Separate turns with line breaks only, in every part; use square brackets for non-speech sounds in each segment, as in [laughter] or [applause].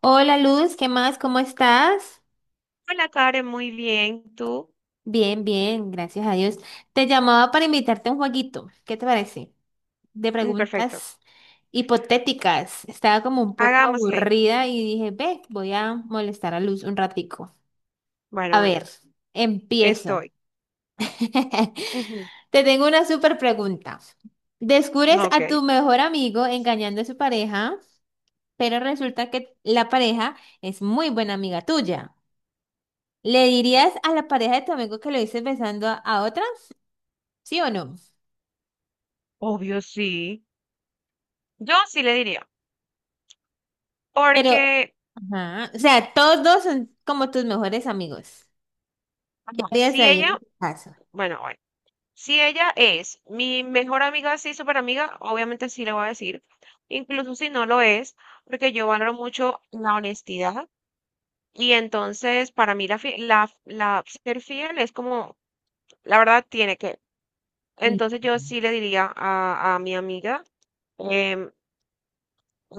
Hola Luz, ¿qué más? ¿Cómo estás?
Hola, Karen, muy bien. ¿Tú?
Bien, bien, gracias a Dios. Te llamaba para invitarte a un jueguito. ¿Qué te parece? De
Perfecto.
preguntas hipotéticas. Estaba como un poco
Hagámosle.
aburrida y dije, ve, voy a molestar a Luz un ratico.
Bueno,
A
bueno,
ver, empiezo.
estoy.
[laughs]
Ujú.
Te tengo una súper pregunta. Descubres
Ok,
a tu mejor amigo engañando a su pareja, pero resulta que la pareja es muy buena amiga tuya. ¿Le dirías a la pareja de tu amigo que lo hice besando a otra? ¿Sí o no?
obvio sí. Yo sí le diría,
Pero,
porque
ajá, o sea, todos dos son como tus mejores amigos. ¿Qué
ajá,
harías
si
ahí
ella,
en ese caso?
bueno, bueno, si ella es mi mejor amiga, sí, súper amiga, obviamente sí le voy a decir, incluso si no lo es, porque yo valoro mucho la honestidad y entonces para mí la ser fiel es como, la verdad tiene que.
Mm.
Entonces yo sí le diría a mi amiga. em,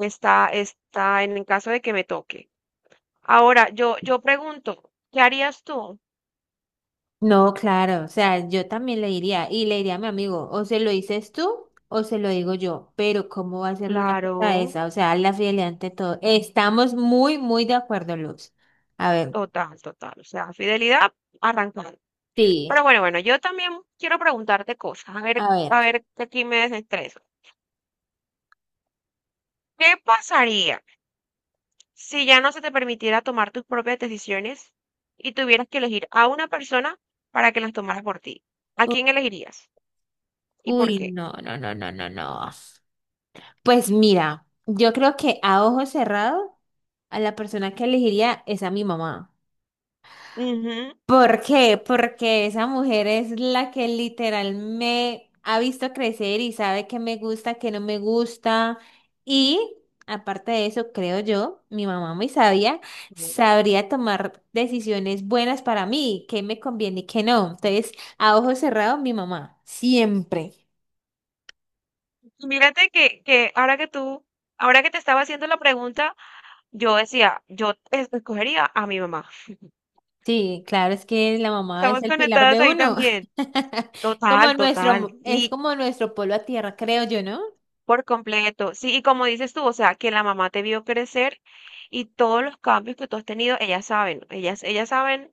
Está, está en el caso de que me toque. Ahora, yo pregunto, ¿qué harías tú?
No, claro, o sea, yo también le diría, y le diría a mi amigo, o se lo dices tú o se lo digo yo, pero ¿cómo va a hacerle una cosa a
Claro,
esa? O sea, la fidelidad ante todo. Estamos muy, muy de acuerdo, Luz. A ver,
total, total. O sea, fidelidad, arrancando. Pero
sí,
yo también quiero preguntarte cosas.
a ver.
A ver, que aquí me desestreso. ¿Qué pasaría si ya no se te permitiera tomar tus propias decisiones y tuvieras que elegir a una persona para que las tomara por ti? ¿A
U-
quién elegirías? ¿Y por
Uy,
qué?
no, no, no, no, no, no. Pues mira, yo creo que a ojo cerrado, a la persona que elegiría es a mi mamá. ¿Por qué? Porque esa mujer es la que literal me ha visto crecer y sabe qué me gusta, qué no me gusta. Y aparte de eso, creo yo, mi mamá muy sabia,
Ujú.
sabría tomar decisiones buenas para mí, qué me conviene y qué no. Entonces, a ojo cerrado, mi mamá, siempre.
Mírate que ahora que tú, ahora que te estaba haciendo la pregunta, yo decía, yo escogería a mi mamá.
Sí, claro, es que la mamá es
Estamos
el pilar
conectadas
de
ahí
uno.
también.
[laughs]
Total, total.
Es
Y
como nuestro polo a tierra, creo yo, ¿no?
por completo. Sí, y como dices tú, o sea, que la mamá te vio crecer y todos los cambios que tú has tenido, ellas saben, ellas saben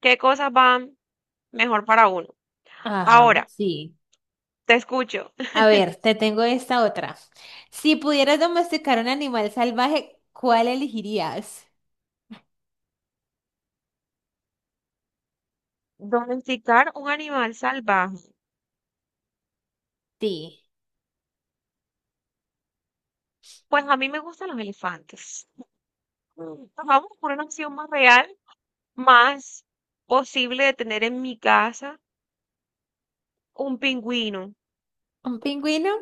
qué cosas van mejor para uno.
Ajá,
Ahora,
sí.
te escucho.
A ver, te tengo esta otra. Si pudieras domesticar un animal salvaje, ¿cuál elegirías?
Domesticar un animal salvaje.
Sí.
Pues a mí me gustan los elefantes. Vamos por una opción más real más posible de tener en mi casa un pingüino.
¿Un pingüino?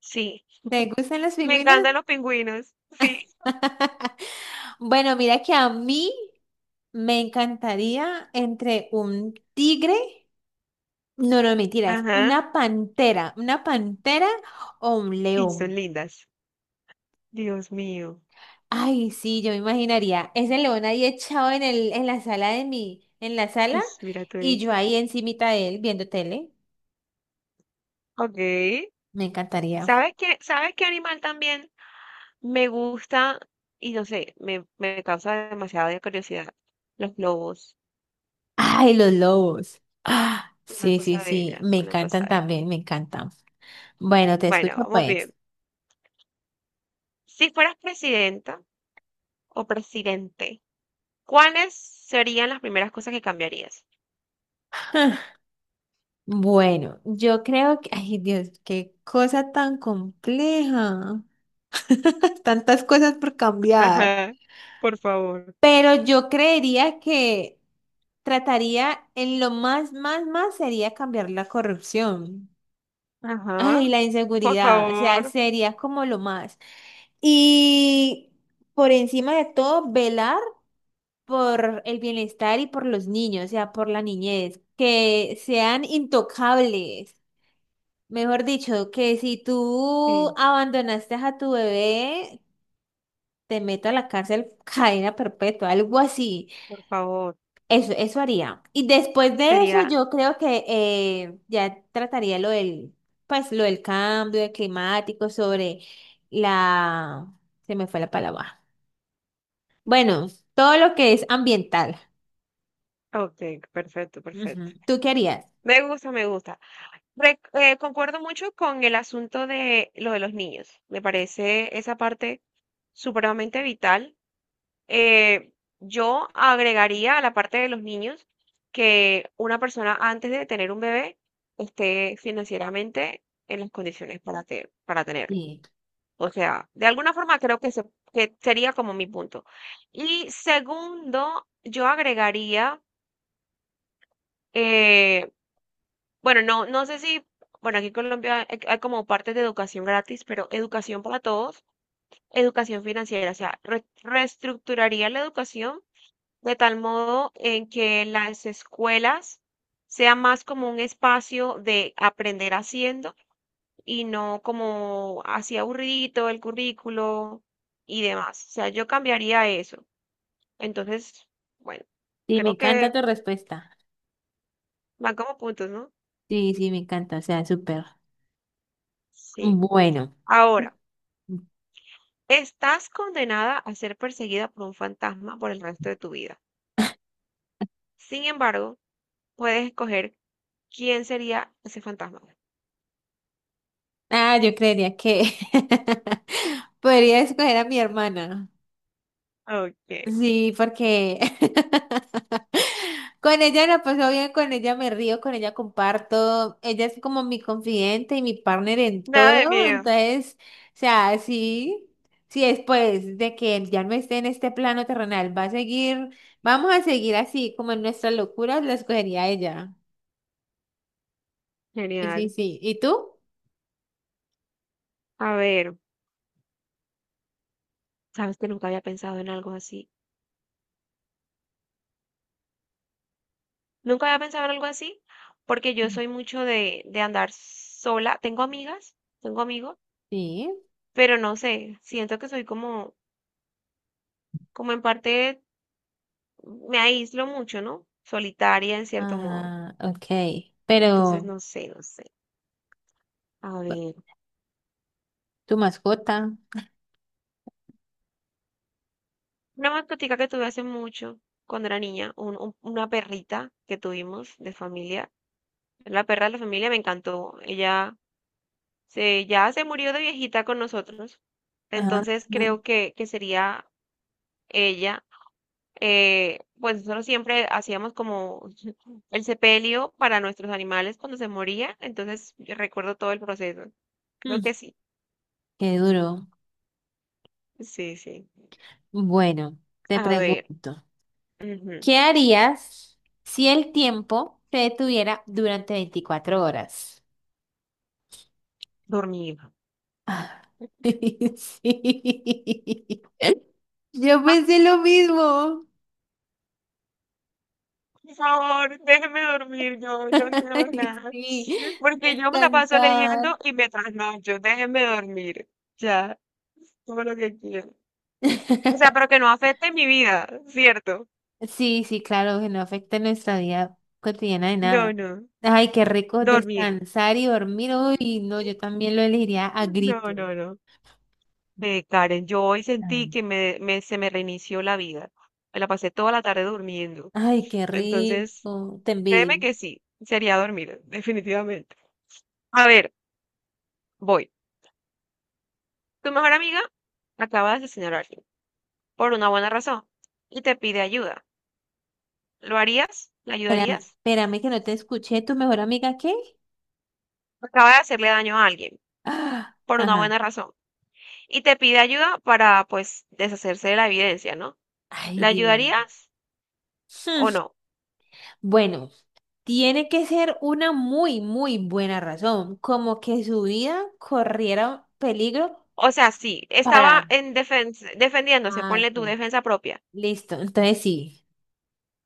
Sí,
¿Te gustan los
me
pingüinos?
encantan los pingüinos. Sí,
[laughs] Bueno, mira que a mí me encantaría entre un tigre. No, no, mentira, es
ajá.
una pantera o un
Y son
león.
lindas. Dios mío.
Ay, sí, yo me imaginaría ese león ahí echado en el, en la sala de mi, en la sala
Mira todo
y yo
eso.
ahí encimita de él viendo tele.
Ok.
Me encantaría.
¿Sabes qué? ¿Sabes qué animal también me gusta? Y no sé, me causa demasiada curiosidad. Los lobos.
Ay, los lobos. Ah,
Una
sí, sí,
cosa
sí,
bella,
me
una cosa
encantan
bella.
también, me encantan. Bueno, te
Bueno,
escucho
vamos
pues.
bien. Si fueras presidenta o presidente, ¿cuáles serían las primeras cosas que cambiarías?
Bueno, yo creo que, ay Dios, qué cosa tan compleja. [laughs] Tantas cosas por cambiar.
Ajá, por favor.
Pero yo creería que trataría en lo más, más, más sería cambiar la corrupción. Ay,
Ajá,
la
por
inseguridad, o sea,
favor.
sería como lo más. Y por encima de todo, velar por el bienestar y por los niños, o sea, por la niñez, que sean intocables. Mejor dicho, que si tú
Sí,
abandonaste a tu bebé, te meto a la cárcel, [laughs] cadena perpetua, algo así.
por favor.
Eso haría. Y después de eso,
Sería,
yo creo que ya trataría lo del, pues, lo del cambio de climático sobre la... Se me fue la palabra. Bueno, todo lo que es ambiental.
ok, perfecto,
Ujú.
perfecto.
¿Tú qué harías?
Me gusta, me gusta. Concuerdo mucho con el asunto de lo de los niños. Me parece esa parte supremamente vital. Eh, yo agregaría a la parte de los niños que una persona antes de tener un bebé esté financieramente en las condiciones para tenerlo.
Sí.
O sea, de alguna forma creo que sería como mi punto. Y segundo, yo agregaría, eh, bueno, no, no sé si, bueno, aquí en Colombia hay, hay como partes de educación gratis, pero educación para todos, educación financiera, o sea, reestructuraría la educación de tal modo en que las escuelas sea más como un espacio de aprender haciendo y no como así aburridito el currículo y demás. O sea, yo cambiaría eso. Entonces, bueno,
Sí, me
creo
encanta
que
tu respuesta.
van como puntos, ¿no?
Sí, sí, me encanta. O sea, súper.
Sí.
Bueno.
Ahora, estás condenada a ser perseguida por un fantasma por el resto de tu vida. Sin embargo, puedes escoger quién sería ese fantasma.
Ah, yo creería que [laughs] podría escoger a mi hermana.
Ok.
Sí, porque [laughs] con ella la paso bien, con ella me río, con ella comparto. Ella es como mi confidente y mi partner en
Nada de
todo.
miedo.
Entonces, o sea, sí, sí, después de que ya no esté en este plano terrenal, va a seguir, vamos a seguir así, como en nuestras locuras, la escogería ella. Sí, sí,
Genial.
sí. ¿Y tú?
A ver, sabes que nunca había pensado en algo así. Nunca había pensado en algo así, porque yo soy mucho de andar sola. Tengo amigas, tengo amigos,
Sí.
pero no sé, siento que soy como, como en parte me aíslo mucho, ¿no? Solitaria en cierto modo.
Ah, ok.
Entonces,
Pero,
no sé, no sé. A ver,
tu mascota.
una mascotica que tuve hace mucho, cuando era niña, una perrita que tuvimos de familia. La perra de la familia me encantó. Ella ya se murió de viejita con nosotros.
Ajá.
Entonces creo que sería ella pues nosotros siempre hacíamos como [laughs] el sepelio para nuestros animales cuando se moría, entonces yo recuerdo todo el proceso. Creo
Mm,
que sí,
qué duro.
sí, sí.
Bueno, te
A ver,
pregunto.
ujú.
¿Qué harías si el tiempo se detuviera durante 24 horas?
Dormir.
Ah, [laughs] sí. Yo
Ah,
pensé lo mismo.
por favor, déjeme dormir, yo no
[laughs]
quiero
Ay,
nada,
sí,
porque yo me la paso
descansar.
leyendo y me trasnocho, déjeme dormir, ya, todo lo que quiero. O sea,
[laughs]
pero que no afecte mi vida, ¿cierto?
Sí, sí, claro, que no afecta nuestra vida cotidiana de
No,
nada.
no,
Ay, qué rico
dormir.
descansar y dormir. Uy, no, yo también lo elegiría a
No,
grito.
no, no. Ve, Karen, yo hoy sentí
Ay,
que se me reinició la vida. Me la pasé toda la tarde durmiendo.
ay, qué
Entonces,
rico. Te
créeme
envidio.
que sí, sería dormir, [laughs] definitivamente. A ver, voy. Tu mejor amiga acaba de asesinar a alguien por una buena razón y te pide ayuda. ¿Lo harías? ¿La
Espérame,
ayudarías?
espérame que no te escuché. ¿Tu mejor amiga qué? [gasps]
Acaba de hacerle daño a alguien
Ah,
por una
ajá.
buena razón y te pide ayuda para, pues, deshacerse de la evidencia, ¿no?
Ay,
¿La
Dios.
ayudarías o
Hmm,
no?
bueno, tiene que ser una muy, muy buena razón, como que su vida corriera peligro
O sea, sí, estaba
para...
en defensa, defendiéndose,
Ah,
ponle tu
ok,
defensa propia.
listo, entonces sí.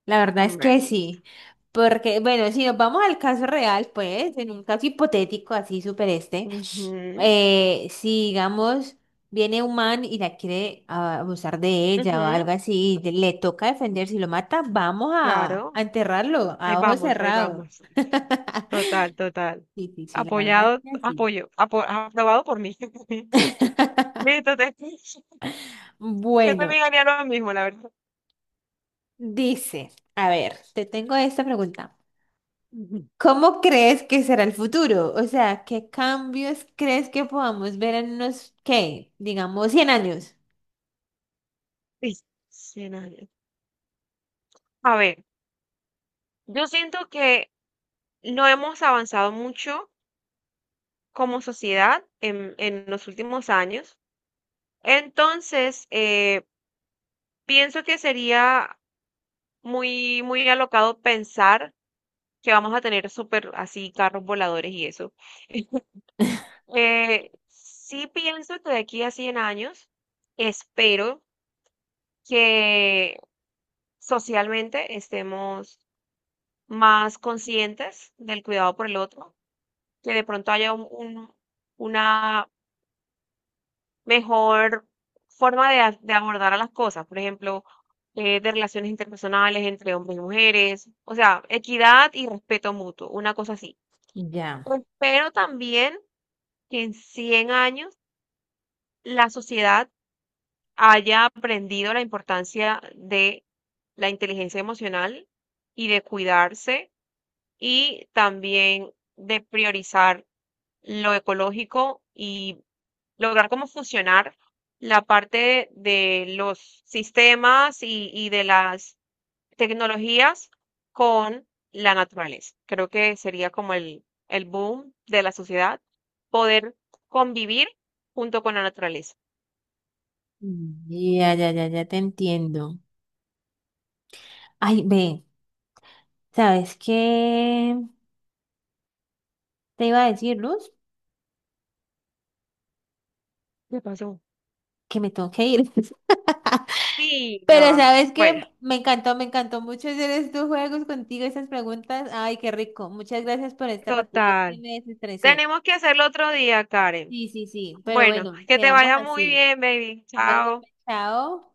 La verdad es que
Bueno, listo.
sí, porque bueno, si nos vamos al caso real, pues, en un caso hipotético así súper este,
Ujú,
si digamos viene un man y la quiere abusar de ella o
ujú,
algo así, y le toca defender, si lo mata, vamos a
claro,
enterrarlo
ahí
a ojos
vamos, ahí
cerrados.
vamos. Total, total.
Sí, sí, sí, la verdad es que sí.
Aprobado por mí. [laughs] Listo, te, yo
Bueno,
también haría lo [laughs] mismo, la verdad.
dice, a ver, te tengo esta pregunta.
Ujú.
¿Cómo crees que será el futuro? O sea, ¿qué cambios crees que podamos ver en unos, qué, digamos, 100 años?
Listo, 100 años. A ver, yo siento que no hemos avanzado mucho como sociedad en los últimos años. Entonces, pienso que sería muy, muy alocado pensar que vamos a tener súper así carros voladores y eso. [laughs] Sí pienso que de aquí a 100 años espero que socialmente estemos más conscientes del cuidado por el otro, que de pronto haya una mejor forma de abordar a las cosas, por ejemplo, de relaciones interpersonales entre hombres y mujeres, o sea, equidad y respeto mutuo, una cosa así.
Ya,
Pero también que en 100 años la sociedad haya aprendido la importancia de la inteligencia emocional y de cuidarse y también de priorizar lo ecológico y lograr cómo funcionar la parte de los sistemas y de las tecnologías con la naturaleza. Creo que sería como el boom de la sociedad, poder convivir junto con la naturaleza.
mm, ya, ya, ya, ya te entiendo. Ay, ve, ¿sabes qué? Te iba a decir, Luz,
¿Qué pasó?
que me tengo que ir. [laughs]
Sí,
Pero
ah,
¿sabes
bueno,
qué? Me encantó mucho hacer estos juegos contigo, esas preguntas. Ay, qué rico. Muchas gracias por este ratico que
total.
me desestresé.
Tenemos que hacerlo otro día, Karen.
Sí, sí, sí. Pero
Bueno,
bueno,
que te
quedamos
vaya muy
así.
bien, baby.
Bueno,
Chao.
pues, chao.